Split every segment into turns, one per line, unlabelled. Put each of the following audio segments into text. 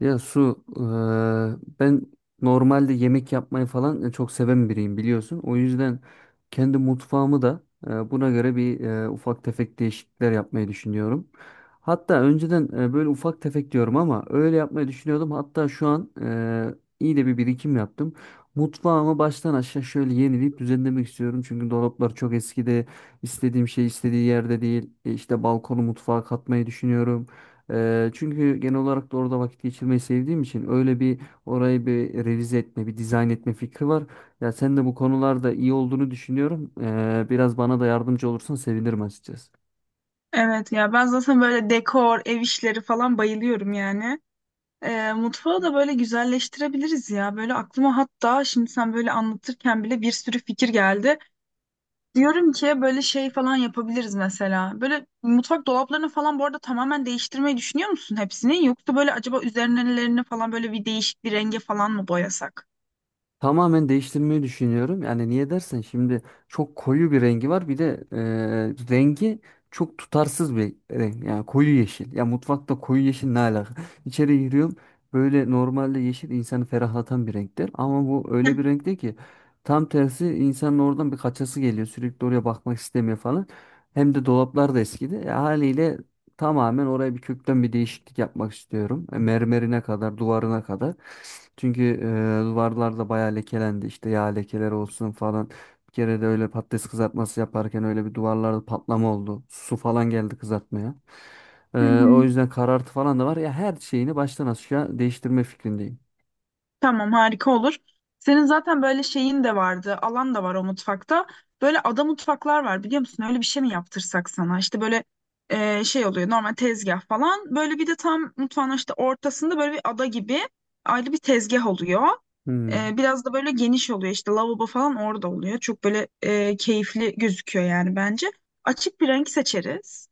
Ya Su, ben normalde yemek yapmayı falan çok seven biriyim biliyorsun. O yüzden kendi mutfağımı da buna göre bir ufak tefek değişiklikler yapmayı düşünüyorum. Hatta önceden böyle ufak tefek diyorum ama öyle yapmayı düşünüyordum. Hatta şu an iyi de bir birikim yaptım. Mutfağımı baştan aşağı şöyle yenileyip düzenlemek istiyorum. Çünkü dolaplar çok eskide, istediğim şey istediği yerde değil. İşte balkonu mutfağa katmayı düşünüyorum. Çünkü genel olarak da orada vakit geçirmeyi sevdiğim için öyle bir orayı bir revize etme, bir dizayn etme fikri var. Ya sen de bu konularda iyi olduğunu düşünüyorum. Biraz bana da yardımcı olursan sevinirim açıkçası.
Evet ya ben zaten böyle dekor, ev işleri falan bayılıyorum yani. Mutfağı da böyle güzelleştirebiliriz ya. Böyle aklıma hatta şimdi sen böyle anlatırken bile bir sürü fikir geldi. Diyorum ki böyle şey falan yapabiliriz mesela. Böyle mutfak dolaplarını falan bu arada tamamen değiştirmeyi düşünüyor musun hepsini? Yoksa böyle acaba üzerlerini falan böyle bir değişik bir renge falan mı boyasak?
Tamamen değiştirmeyi düşünüyorum. Yani niye dersen şimdi çok koyu bir rengi var. Bir de rengi çok tutarsız bir renk. Yani koyu yeşil. Ya mutfakta koyu yeşil ne alaka? İçeri giriyorum. Böyle normalde yeşil insanı ferahlatan bir renktir. Ama bu öyle bir renkte ki tam tersi insanın oradan bir kaçası geliyor. Sürekli oraya bakmak istemiyor falan. Hem de dolaplar da eskidi. E, haliyle, tamamen oraya bir kökten bir değişiklik yapmak istiyorum. Mermerine kadar, duvarına kadar. Çünkü duvarlar da bayağı lekelendi. İşte yağ lekeleri olsun falan. Bir kere de öyle patates kızartması yaparken öyle bir duvarlarda patlama oldu. Su falan geldi kızartmaya.
Hı
O
hı.
yüzden karartı falan da var. Ya her şeyini baştan aşağı değiştirme fikrindeyim.
Tamam, harika olur. Senin zaten böyle şeyin de vardı, alan da var o mutfakta. Böyle ada mutfaklar var, biliyor musun? Öyle bir şey mi yaptırsak sana? İşte böyle şey oluyor normal tezgah falan. Böyle bir de tam mutfağın işte ortasında böyle bir ada gibi ayrı bir tezgah oluyor.
Hmm.
E, biraz da böyle geniş oluyor, işte lavabo falan orada oluyor. Çok böyle keyifli gözüküyor yani bence. Açık bir renk seçeriz.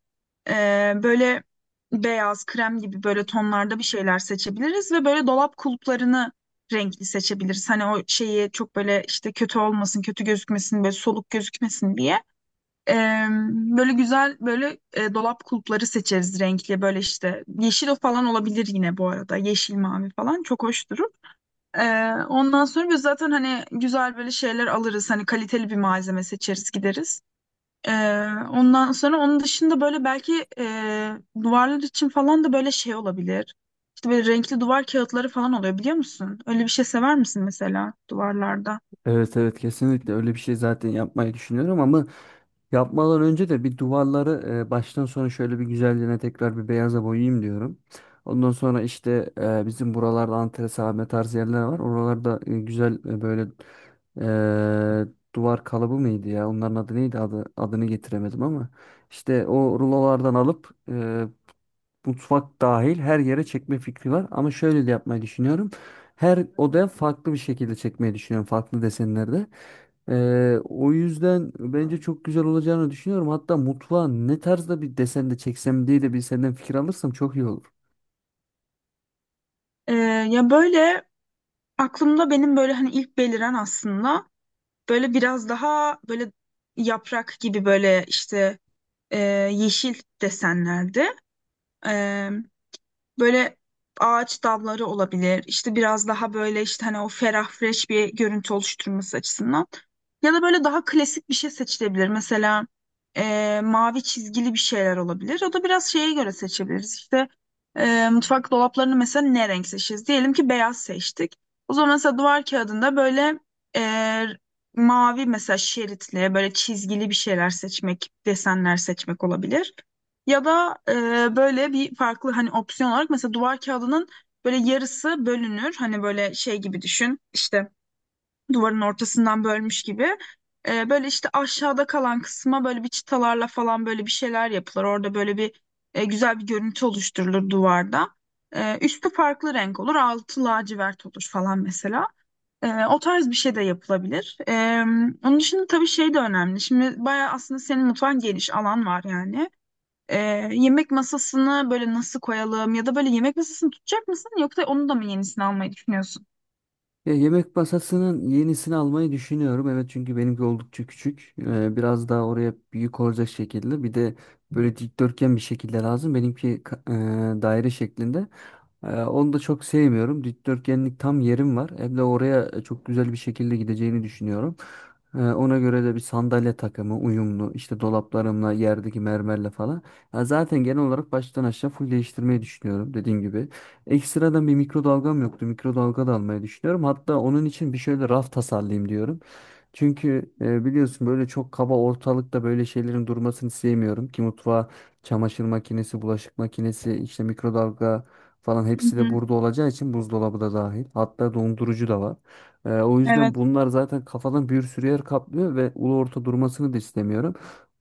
Böyle beyaz, krem gibi böyle tonlarda bir şeyler seçebiliriz ve böyle dolap kulplarını renkli seçebiliriz. Hani o şeyi çok böyle işte kötü olmasın, kötü gözükmesin, böyle soluk gözükmesin diye. Ee, Böyle güzel böyle dolap kulpları seçeriz renkli. Böyle işte yeşil falan olabilir yine bu arada. Yeşil, mavi falan çok hoş durur. Ondan sonra biz zaten hani güzel böyle şeyler alırız. Hani kaliteli bir malzeme seçeriz, gideriz. Ee, Ondan sonra onun dışında böyle belki duvarlar için falan da böyle şey olabilir. İşte böyle renkli duvar kağıtları falan oluyor, biliyor musun? Öyle bir şey sever misin mesela duvarlarda?
Evet, evet, kesinlikle öyle bir şey zaten yapmayı düşünüyorum ama yapmadan önce de bir duvarları baştan sona şöyle bir güzelliğine tekrar bir beyaza boyayayım diyorum. Ondan sonra işte bizim buralarda antresame tarzı yerler var. Oralarda güzel böyle duvar kalıbı mıydı ya? Onların adı neydi? Adını getiremedim ama işte o rulolardan alıp mutfak dahil her yere çekme fikri var. Ama şöyle de yapmayı düşünüyorum. Her odaya farklı bir şekilde çekmeyi düşünüyorum. Farklı desenlerde. O yüzden bence çok güzel olacağını düşünüyorum. Hatta mutfağa ne tarzda bir desen de çeksem diye de bir senden fikir alırsam çok iyi olur.
Ee, Ya böyle aklımda benim böyle hani ilk beliren aslında. Böyle biraz daha böyle yaprak gibi böyle işte e, yeşil desenlerde. Böyle ağaç dalları olabilir. İşte biraz daha böyle işte hani o ferah fresh bir görüntü oluşturması açısından. Ya da böyle daha klasik bir şey seçilebilir. Mesela mavi çizgili bir şeyler olabilir. O da biraz şeye göre seçebiliriz. İşte mutfak dolaplarını mesela ne renk seçeceğiz? Diyelim ki beyaz seçtik. O zaman mesela duvar kağıdında böyle e, mavi mesela şeritli böyle çizgili bir şeyler seçmek, desenler seçmek olabilir. Ya da böyle bir farklı hani opsiyon olarak mesela duvar kağıdının böyle yarısı bölünür. Hani böyle şey gibi düşün, işte duvarın ortasından bölmüş gibi. E, böyle işte aşağıda kalan kısma böyle bir çıtalarla falan böyle bir şeyler yapılır. Orada böyle bir güzel bir görüntü oluşturulur duvarda. E, üstü farklı renk olur, altı lacivert olur falan mesela. E, o tarz bir şey de yapılabilir. Onun dışında tabii şey de önemli. Şimdi bayağı aslında senin mutfağın geniş, alan var yani. Yemek masasını böyle nasıl koyalım ya da böyle yemek masasını tutacak mısın, yoksa onu da mı yenisini almayı düşünüyorsun?
Ya, yemek masasının yenisini almayı düşünüyorum. Evet, çünkü benimki oldukça küçük. Biraz daha oraya büyük olacak şekilde. Bir de böyle dikdörtgen bir şekilde lazım. Benimki daire şeklinde. Onu da çok sevmiyorum. Dikdörtgenlik tam yerim var. Hem de oraya çok güzel bir şekilde gideceğini düşünüyorum. Ona göre de bir sandalye takımı uyumlu. İşte dolaplarımla, yerdeki mermerle falan. Ya zaten genel olarak baştan aşağı full değiştirmeyi düşünüyorum dediğim gibi. Ekstradan bir mikrodalgam yoktu. Mikrodalga da almayı düşünüyorum. Hatta onun için bir şöyle raf tasarlayayım diyorum. Çünkü biliyorsun böyle çok kaba ortalıkta böyle şeylerin durmasını sevmiyorum ki mutfağa çamaşır makinesi, bulaşık makinesi, işte mikrodalga falan
Hı
hepsi de
hı.
burada olacağı için buzdolabı da dahil. Hatta dondurucu da var. O yüzden
Evet.
bunlar zaten kafadan bir sürü yer kaplıyor ve ulu orta durmasını da istemiyorum.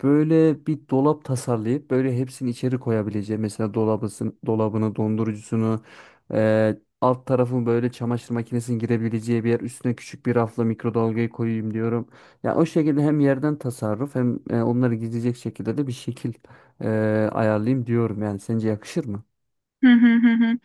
Böyle bir dolap tasarlayıp böyle hepsini içeri koyabileceğim. Mesela dolabısın, dolabını, dondurucusunu, alt tarafın böyle çamaşır makinesinin girebileceği bir yer. Üstüne küçük bir rafla mikrodalgayı koyayım diyorum. Ya o şekilde hem yerden tasarruf hem onları gizleyecek şekilde de bir şekil e, ayarlayayım diyorum. Yani sence yakışır mı?
Hı hı hı hı.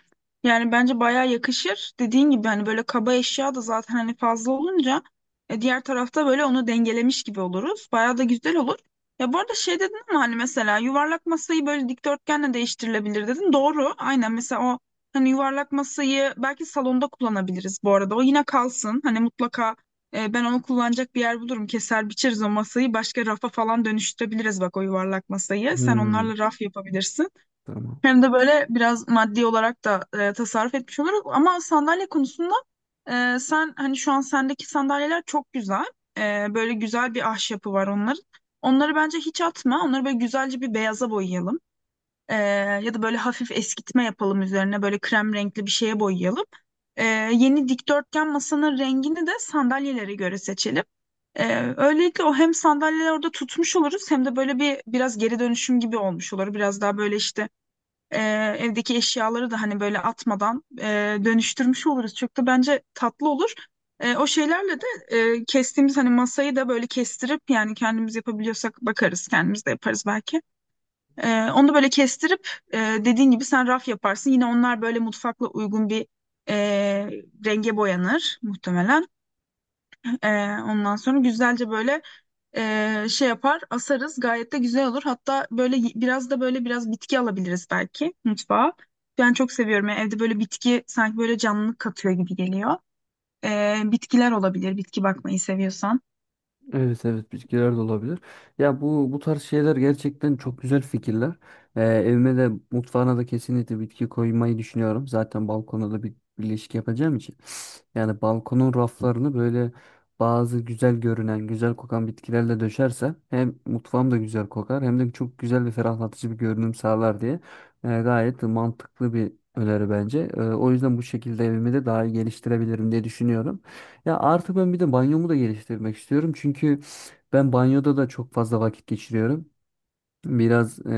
Yani bence bayağı yakışır. Dediğin gibi hani böyle kaba eşya da zaten hani fazla olunca diğer tarafta böyle onu dengelemiş gibi oluruz. Bayağı da güzel olur. Ya bu arada şey dedin ama hani mesela yuvarlak masayı böyle dikdörtgenle değiştirilebilir dedin. Doğru. Aynen, mesela o hani yuvarlak masayı belki salonda kullanabiliriz bu arada. O yine kalsın. Hani mutlaka ben onu kullanacak bir yer bulurum. Keser biçeriz o masayı. Başka rafa falan dönüştürebiliriz bak o yuvarlak masayı. Sen
Hmm,
onlarla raf yapabilirsin.
tamam.
Hem de böyle biraz maddi olarak da tasarruf etmiş oluruz. Ama sandalye konusunda sen hani şu an sendeki sandalyeler çok güzel. E, böyle güzel bir ahşapı var onların. Onları bence hiç atma. Onları böyle güzelce bir beyaza boyayalım. E, Ya da böyle hafif eskitme yapalım üzerine. Böyle krem renkli bir şeye boyayalım. E, Yeni dikdörtgen masanın rengini de sandalyelere göre seçelim. E, böylelikle o hem sandalyeler orada tutmuş oluruz, hem de böyle bir biraz geri dönüşüm gibi olmuş olur. Biraz daha böyle işte e, evdeki eşyaları da hani böyle atmadan dönüştürmüş oluruz. Çok da bence tatlı olur. O şeylerle de kestiğimiz hani masayı da böyle kestirip, yani kendimiz yapabiliyorsak bakarız kendimiz de yaparız belki. E, onu da böyle kestirip e, dediğin gibi sen raf yaparsın. Yine onlar böyle mutfakla uygun bir e, renge boyanır muhtemelen. E, Ondan sonra güzelce böyle şey yapar asarız, gayet de güzel olur. Hatta böyle biraz da böyle biraz bitki alabiliriz belki mutfağa. Ben çok seviyorum. Yani evde böyle bitki sanki böyle canlılık katıyor gibi geliyor. E, bitkiler olabilir, bitki bakmayı seviyorsan.
Evet, evet, bitkiler de olabilir. Ya bu tarz şeyler gerçekten çok güzel fikirler. Evime de mutfağına da kesinlikle bitki koymayı düşünüyorum. Zaten balkona da bir ilişki yapacağım için. Yani balkonun raflarını böyle bazı güzel görünen, güzel kokan bitkilerle döşerse hem mutfağım da güzel kokar hem de çok güzel ve ferahlatıcı bir görünüm sağlar diye gayet mantıklı bir öneri bence. O yüzden bu şekilde evimi de daha iyi geliştirebilirim diye düşünüyorum. Ya artık ben bir de banyomu da geliştirmek istiyorum. Çünkü ben banyoda da çok fazla vakit geçiriyorum. Biraz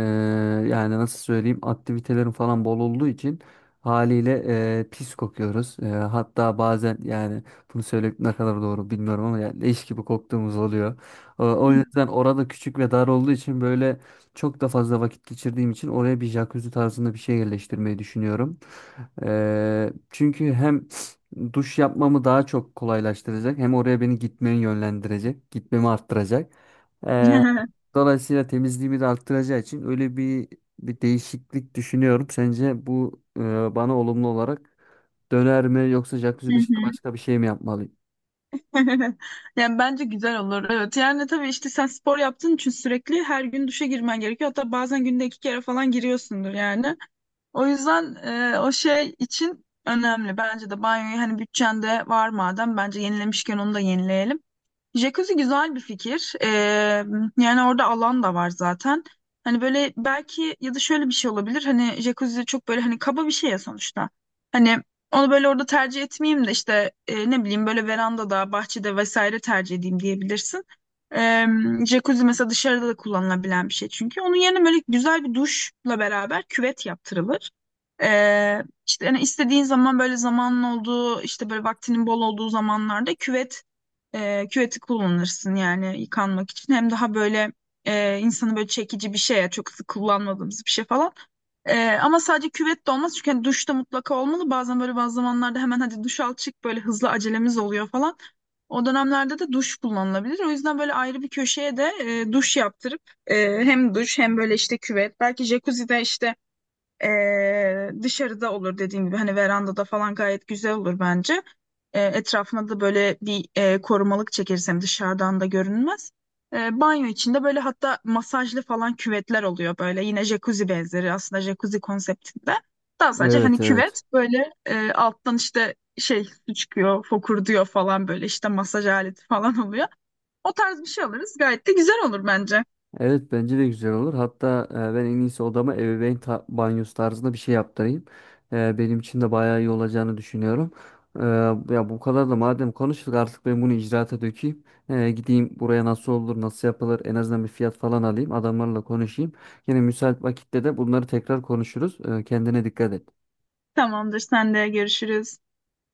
yani nasıl söyleyeyim aktivitelerin falan bol olduğu için haliyle pis kokuyoruz. Hatta bazen yani bunu söylemek ne kadar doğru bilmiyorum ama yani leş gibi koktuğumuz oluyor. O yüzden orada küçük ve dar olduğu için böyle çok da fazla vakit geçirdiğim için oraya bir jacuzzi tarzında bir şey yerleştirmeyi düşünüyorum. Çünkü hem duş yapmamı daha çok kolaylaştıracak hem oraya beni gitmeyi yönlendirecek, gitmemi arttıracak.
Hı
Dolayısıyla temizliğimi de arttıracağı için öyle bir değişiklik düşünüyorum. Sence bu bana olumlu olarak döner mi yoksa jacuzzi dışında
hı.
başka bir şey mi yapmalıyım?
Yani bence güzel olur. Evet. Yani tabii işte sen spor yaptığın için sürekli her gün duşa girmen gerekiyor. Hatta bazen günde iki kere falan giriyorsundur yani. O yüzden o şey için önemli. Bence de banyoyu hani bütçende var madem, bence yenilemişken onu da yenileyelim. Jacuzzi güzel bir fikir. Yani orada alan da var zaten. Hani böyle belki ya da şöyle bir şey olabilir. Hani jacuzzi çok böyle hani kaba bir şey ya sonuçta. Hani onu böyle orada tercih etmeyeyim de işte ne bileyim böyle verandada, bahçede vesaire tercih edeyim diyebilirsin. Ee, Jacuzzi mesela dışarıda da kullanılabilen bir şey çünkü. Onun yerine böyle güzel bir duşla beraber küvet yaptırılır. İşte hani istediğin zaman, böyle zamanın olduğu işte böyle vaktinin bol olduğu zamanlarda küvet küveti kullanırsın yani yıkanmak için. Hem daha böyle insanı böyle çekici bir şey ya, çok sık kullanmadığımız bir şey falan. E, ama sadece küvet de olmaz çünkü hani duş da mutlaka olmalı. Bazen böyle bazı zamanlarda hemen hadi duş al çık, böyle hızlı acelemiz oluyor falan. O dönemlerde de duş kullanılabilir. O yüzden böyle ayrı bir köşeye de duş yaptırıp hem duş hem böyle işte küvet belki, jacuzzi de işte dışarıda olur dediğim gibi, hani verandada falan gayet güzel olur bence. Etrafına da böyle bir korumalık çekersem dışarıdan da görünmez. Banyo içinde böyle hatta masajlı falan küvetler oluyor, böyle yine jacuzzi benzeri, aslında jacuzzi konseptinde. Daha sadece hani
Evet, evet.
küvet böyle alttan işte şey su çıkıyor fokur diyor falan, böyle işte masaj aleti falan oluyor. O tarz bir şey alırız gayet de güzel olur bence.
Evet, bence de güzel olur. Hatta ben en iyisi odama banyosu tarzında bir şey yaptırayım. Benim için de bayağı iyi olacağını düşünüyorum. E, Ya bu kadar da madem konuştuk artık ben bunu icraata dökeyim. Gideyim buraya nasıl olur, nasıl yapılır en azından bir fiyat falan alayım. Adamlarla konuşayım. Yine müsait vakitte de bunları tekrar konuşuruz. Kendine dikkat et.
Tamamdır, sen de görüşürüz.